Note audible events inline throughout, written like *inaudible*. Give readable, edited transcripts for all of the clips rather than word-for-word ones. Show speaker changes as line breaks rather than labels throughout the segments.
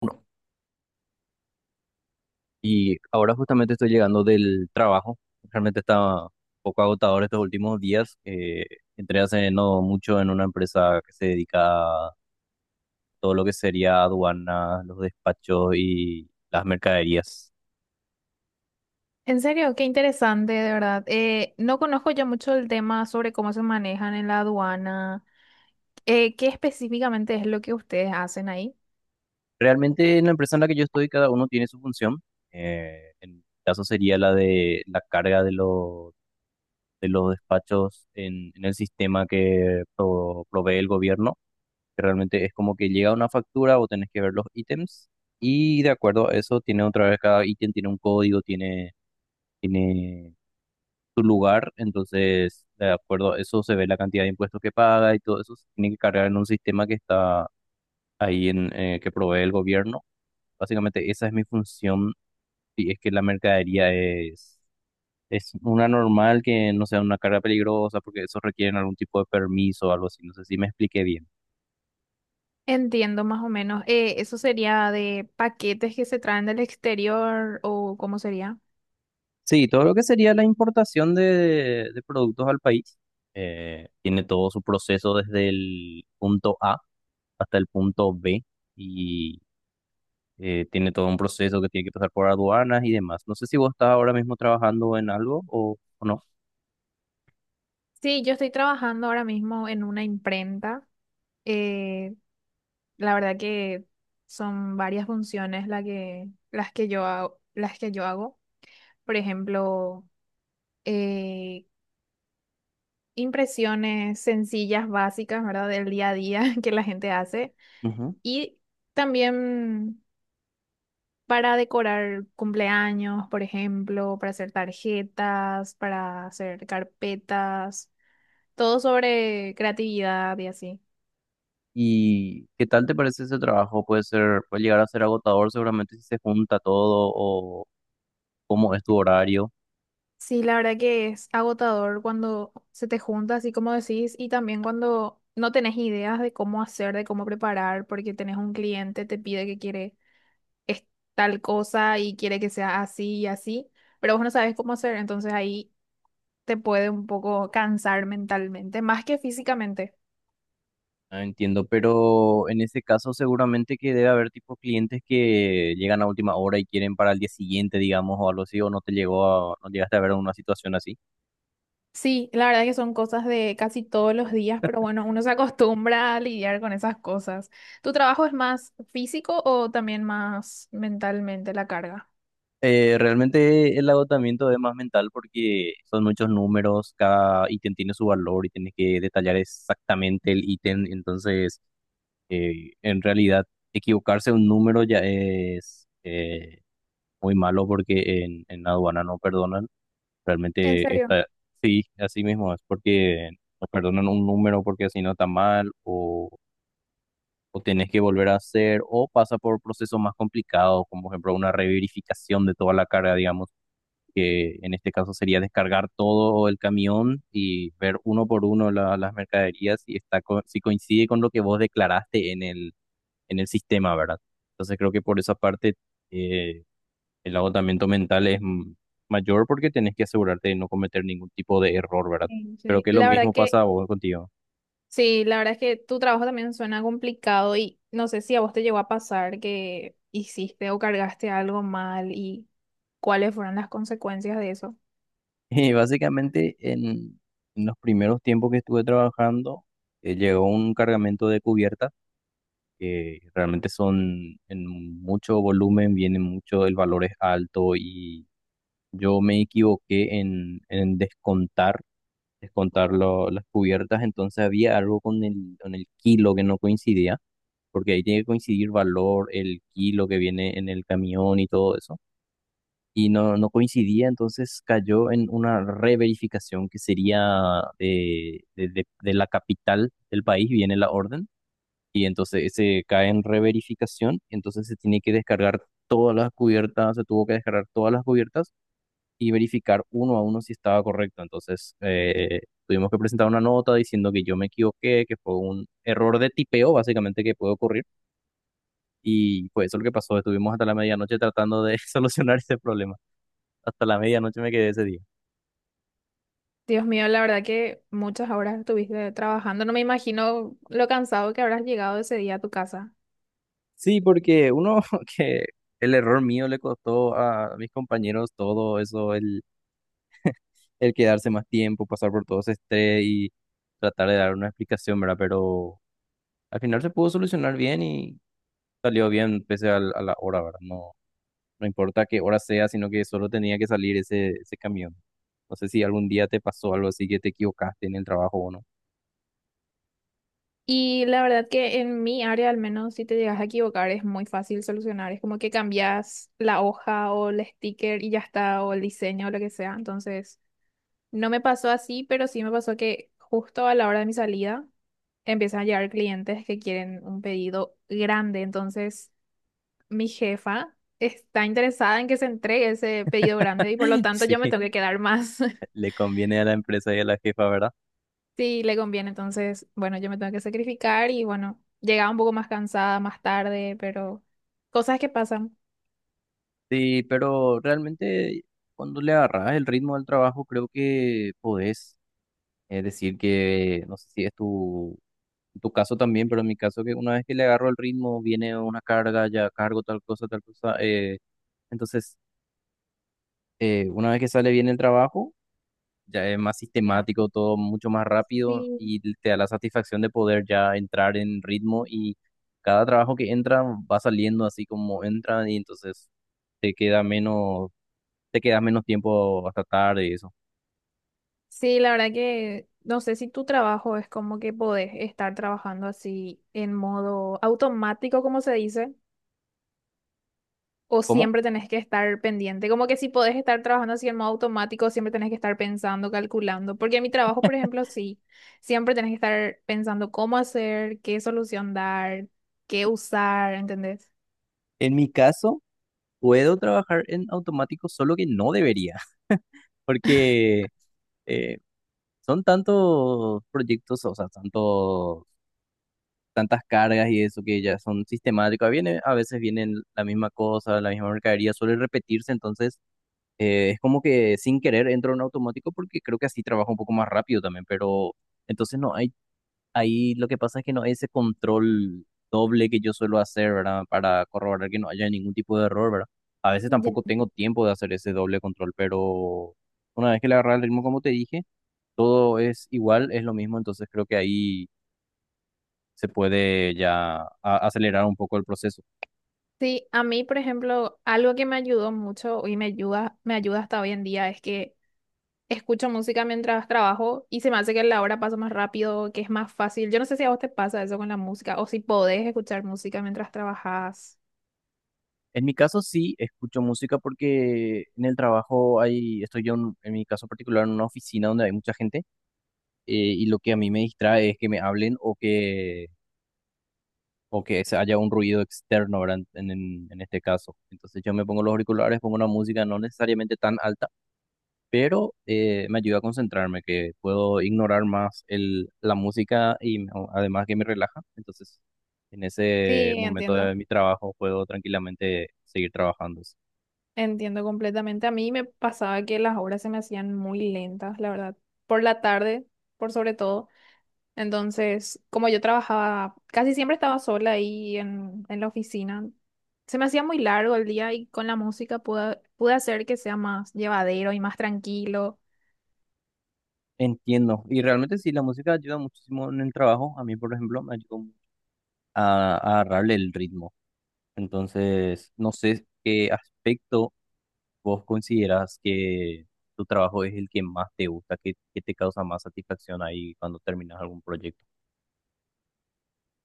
Uno. Y ahora justamente estoy llegando del trabajo. Realmente está un poco agotador estos últimos días. Entré hace no mucho en una empresa que se dedica a todo lo que sería aduanas, los despachos y las mercaderías.
En serio, qué interesante, de verdad. No conozco yo mucho el tema sobre cómo se manejan en la aduana. ¿Qué específicamente es lo que ustedes hacen ahí?
Realmente en la empresa en la que yo estoy, cada uno tiene su función. En mi caso sería la de la carga de los despachos en el sistema que provee el gobierno, que realmente es como que llega una factura, vos tenés que ver los ítems y de acuerdo a eso tiene otra vez cada ítem, tiene un código, tiene su lugar, entonces de acuerdo a eso se ve la cantidad de impuestos que paga y todo eso se tiene que cargar en un sistema que está ahí en que provee el gobierno. Básicamente esa es mi función y es que la mercadería es... Es una normal, que no sea una carga peligrosa porque eso requiere algún tipo de permiso o algo así. No sé si me expliqué bien.
Entiendo más o menos. ¿Eso sería de paquetes que se traen del exterior o cómo sería?
Sí, todo lo que sería la importación de productos al país, tiene todo su proceso desde el punto A hasta el punto B y tiene todo un proceso que tiene que pasar por aduanas y demás. No sé si vos estás ahora mismo trabajando en algo o no.
Sí, yo estoy trabajando ahora mismo en una imprenta. Eh, la verdad que son varias funciones las que yo hago, las que yo hago. Por ejemplo, eh, impresiones sencillas, básicas, ¿verdad? Del día a día *laughs* que la gente hace.
Ujú.
Y también para decorar cumpleaños, por ejemplo, para hacer tarjetas, para hacer carpetas, todo sobre creatividad y así.
¿Y qué tal te parece ese trabajo? Puede ser, puede llegar a ser agotador seguramente si se junta todo, o cómo es tu horario.
Sí, la verdad que es agotador cuando se te junta, así como decís, y también cuando no tenés ideas de cómo hacer, de cómo preparar, porque tenés un cliente, te pide que quiere es tal cosa y quiere que sea así y así, pero vos no sabes cómo hacer, entonces ahí te puede un poco cansar mentalmente, más que físicamente.
Ah, entiendo, pero en ese caso seguramente que debe haber tipo clientes que llegan a última hora y quieren para el día siguiente, digamos, o algo así, o no te llegó no llegaste a ver una situación así.
Sí, la verdad que son cosas de casi todos los días, pero bueno, uno se acostumbra a lidiar con esas cosas. ¿Tu trabajo es más físico o también más mentalmente la carga?
Realmente el agotamiento es más mental porque son muchos números, cada ítem tiene su valor y tienes que detallar exactamente el ítem, entonces en realidad equivocarse un número ya es muy malo porque en aduana no perdonan.
En
Realmente
serio,
está, sí, así mismo es porque nos perdonan un número porque así no está mal, o tenés que volver a hacer, o pasa por procesos más complicados, como por ejemplo una reverificación de toda la carga, digamos, que en este caso sería descargar todo el camión y ver uno por uno las mercaderías y está si coincide con lo que vos declaraste en el sistema, ¿verdad? Entonces creo que por esa parte eh, el agotamiento mental es mayor porque tenés que asegurarte de no cometer ningún tipo de error, ¿verdad?
sí,
Pero
sí.
que lo
La verdad
mismo
que
pasa a vos contigo.
sí, la verdad es que tu trabajo también suena complicado y no sé si a vos te llegó a pasar que hiciste o cargaste algo mal y cuáles fueron las consecuencias de eso.
*laughs* Y básicamente en los primeros tiempos que estuve trabajando, llegó un cargamento de cubiertas que realmente son en mucho volumen, vienen mucho, el valor es alto y yo me equivoqué en descontar, descontar las cubiertas, entonces había algo con el kilo que no coincidía, porque ahí tiene que coincidir valor, el kilo que viene en el camión y todo eso. Y no coincidía, entonces cayó en una reverificación que sería de la capital del país, viene la orden, y entonces se cae en reverificación, entonces se tiene que descargar todas las cubiertas, se tuvo que descargar todas las cubiertas y verificar uno a uno si estaba correcto. Entonces tuvimos que presentar una nota diciendo que yo me equivoqué, que fue un error de tipeo, básicamente, que puede ocurrir, y fue eso lo que pasó. Estuvimos hasta la medianoche tratando de *laughs* solucionar ese problema. Hasta la medianoche me quedé ese día.
Dios mío, la verdad que muchas horas estuviste trabajando. No me imagino lo cansado que habrás llegado ese día a tu casa.
Sí, porque uno *laughs* que el error mío le costó a mis compañeros todo eso, el quedarse más tiempo, pasar por todo ese estrés y tratar de dar una explicación, ¿verdad? Pero al final se pudo solucionar bien y salió bien pese a la hora, ¿verdad? No, no importa qué hora sea, sino que solo tenía que salir ese camión. No sé si algún día te pasó algo así que te equivocaste en el trabajo o no.
Y la verdad que en mi área, al menos si te llegas a equivocar, es muy fácil solucionar. Es como que cambias la hoja o el sticker y ya está, o el diseño o lo que sea. Entonces, no me pasó así, pero sí me pasó que justo a la hora de mi salida empiezan a llegar clientes que quieren un pedido grande. Entonces, mi jefa está interesada en que se entregue ese pedido grande y por lo
*laughs*
tanto yo me tengo
Sí.
que quedar más.
Le conviene a la empresa y a la jefa, ¿verdad?
*laughs* si le conviene. Entonces, bueno, yo me tengo que sacrificar y bueno, llegaba un poco más cansada más tarde, pero cosas que pasan.
Sí, pero realmente cuando le agarras el ritmo del trabajo, creo que podés decir que, no sé si es tu caso también, pero en mi caso que una vez que le agarro el ritmo, viene una carga, ya cargo tal cosa, tal cosa. Entonces, una vez que sale bien el trabajo, ya es más
Ya.
sistemático, todo mucho más rápido
Sí.
y te da la satisfacción de poder ya entrar en ritmo, y cada trabajo que entra va saliendo así como entra, y entonces te queda menos, te queda menos tiempo hasta tarde y eso.
Sí, la verdad que no sé si tu trabajo es como que podés estar trabajando así en modo automático, como se dice, o
¿Cómo?
siempre tenés que estar pendiente. Como que si podés estar trabajando así en modo automático, siempre tenés que estar pensando, calculando. Porque en mi trabajo, por ejemplo, sí, siempre tenés que estar pensando cómo hacer, qué solución dar, qué usar, ¿entendés?
En mi caso, puedo trabajar en automático, solo que no debería, *laughs* porque eh, son tantos proyectos, o sea, tantos tantas cargas y eso, que ya son sistemáticas. Viene, a veces vienen la misma cosa, la misma mercadería, suele repetirse, entonces es como que sin querer entro en automático porque creo que así trabajo un poco más rápido también, pero entonces no hay, ahí lo que pasa es que no hay ese control doble que yo suelo hacer, ¿verdad? Para corroborar que no haya ningún tipo de error, ¿verdad? A veces
Ya.
tampoco tengo tiempo de hacer ese doble control, pero una vez que le agarra el ritmo, como te dije, todo es igual, es lo mismo, entonces creo que ahí se puede ya acelerar un poco el proceso.
Sí, a mí, por ejemplo, algo que me ayudó mucho y me ayuda hasta hoy en día es que escucho música mientras trabajo y se me hace que la hora pasa más rápido, que es más fácil. Yo no sé si a vos te pasa eso con la música o si podés escuchar música mientras trabajas.
En mi caso sí escucho música porque en el trabajo hay, estoy yo en mi caso particular en una oficina donde hay mucha gente, y lo que a mí me distrae es que me hablen o que se haya un ruido externo, ¿verdad? En este caso. Entonces yo me pongo los auriculares, pongo una música no necesariamente tan alta, pero me ayuda a concentrarme, que puedo ignorar más la música además que me relaja. Entonces, en ese
Sí,
momento
entiendo,
de mi trabajo puedo tranquilamente seguir trabajando.
entiendo completamente. A mí me pasaba que las horas se me hacían muy lentas, la verdad, por la tarde, por sobre todo. Entonces, como yo trabajaba, casi siempre estaba sola ahí en la oficina. Se me hacía muy largo el día y con la música pude hacer que sea más llevadero y más tranquilo.
Entiendo. Y realmente sí, la música ayuda muchísimo en el trabajo. A mí, por ejemplo, me ayudó mucho a agarrarle el ritmo. Entonces, no sé qué aspecto vos consideras que tu trabajo es el que más te gusta, que te causa más satisfacción ahí cuando terminas algún proyecto.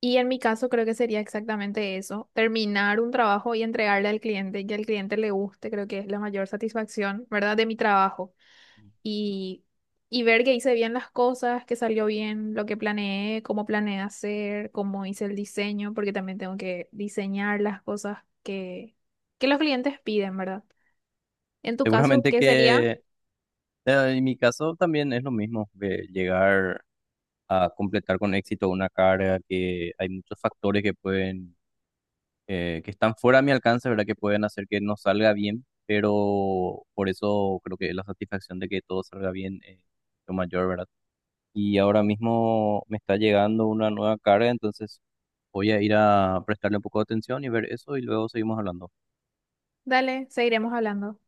Y en mi caso creo que sería exactamente eso, terminar un trabajo y entregarle al cliente y que al cliente le guste, creo que es la mayor satisfacción, ¿verdad? De mi trabajo y, y ver que hice bien las cosas, que salió bien lo que planeé, cómo planeé hacer, cómo hice el diseño, porque también tengo que diseñar las cosas que, que los clientes piden, ¿verdad? En tu caso,
Seguramente
¿qué sería?
que en mi caso también es lo mismo, de llegar a completar con éxito una carga, que hay muchos factores que pueden, que están fuera de mi alcance, ¿verdad? Que pueden hacer que no salga bien, pero por eso creo que la satisfacción de que todo salga bien es lo mayor, ¿verdad? Y ahora mismo me está llegando una nueva carga, entonces voy a ir a prestarle un poco de atención y ver eso y luego seguimos hablando.
Dale, seguiremos hablando.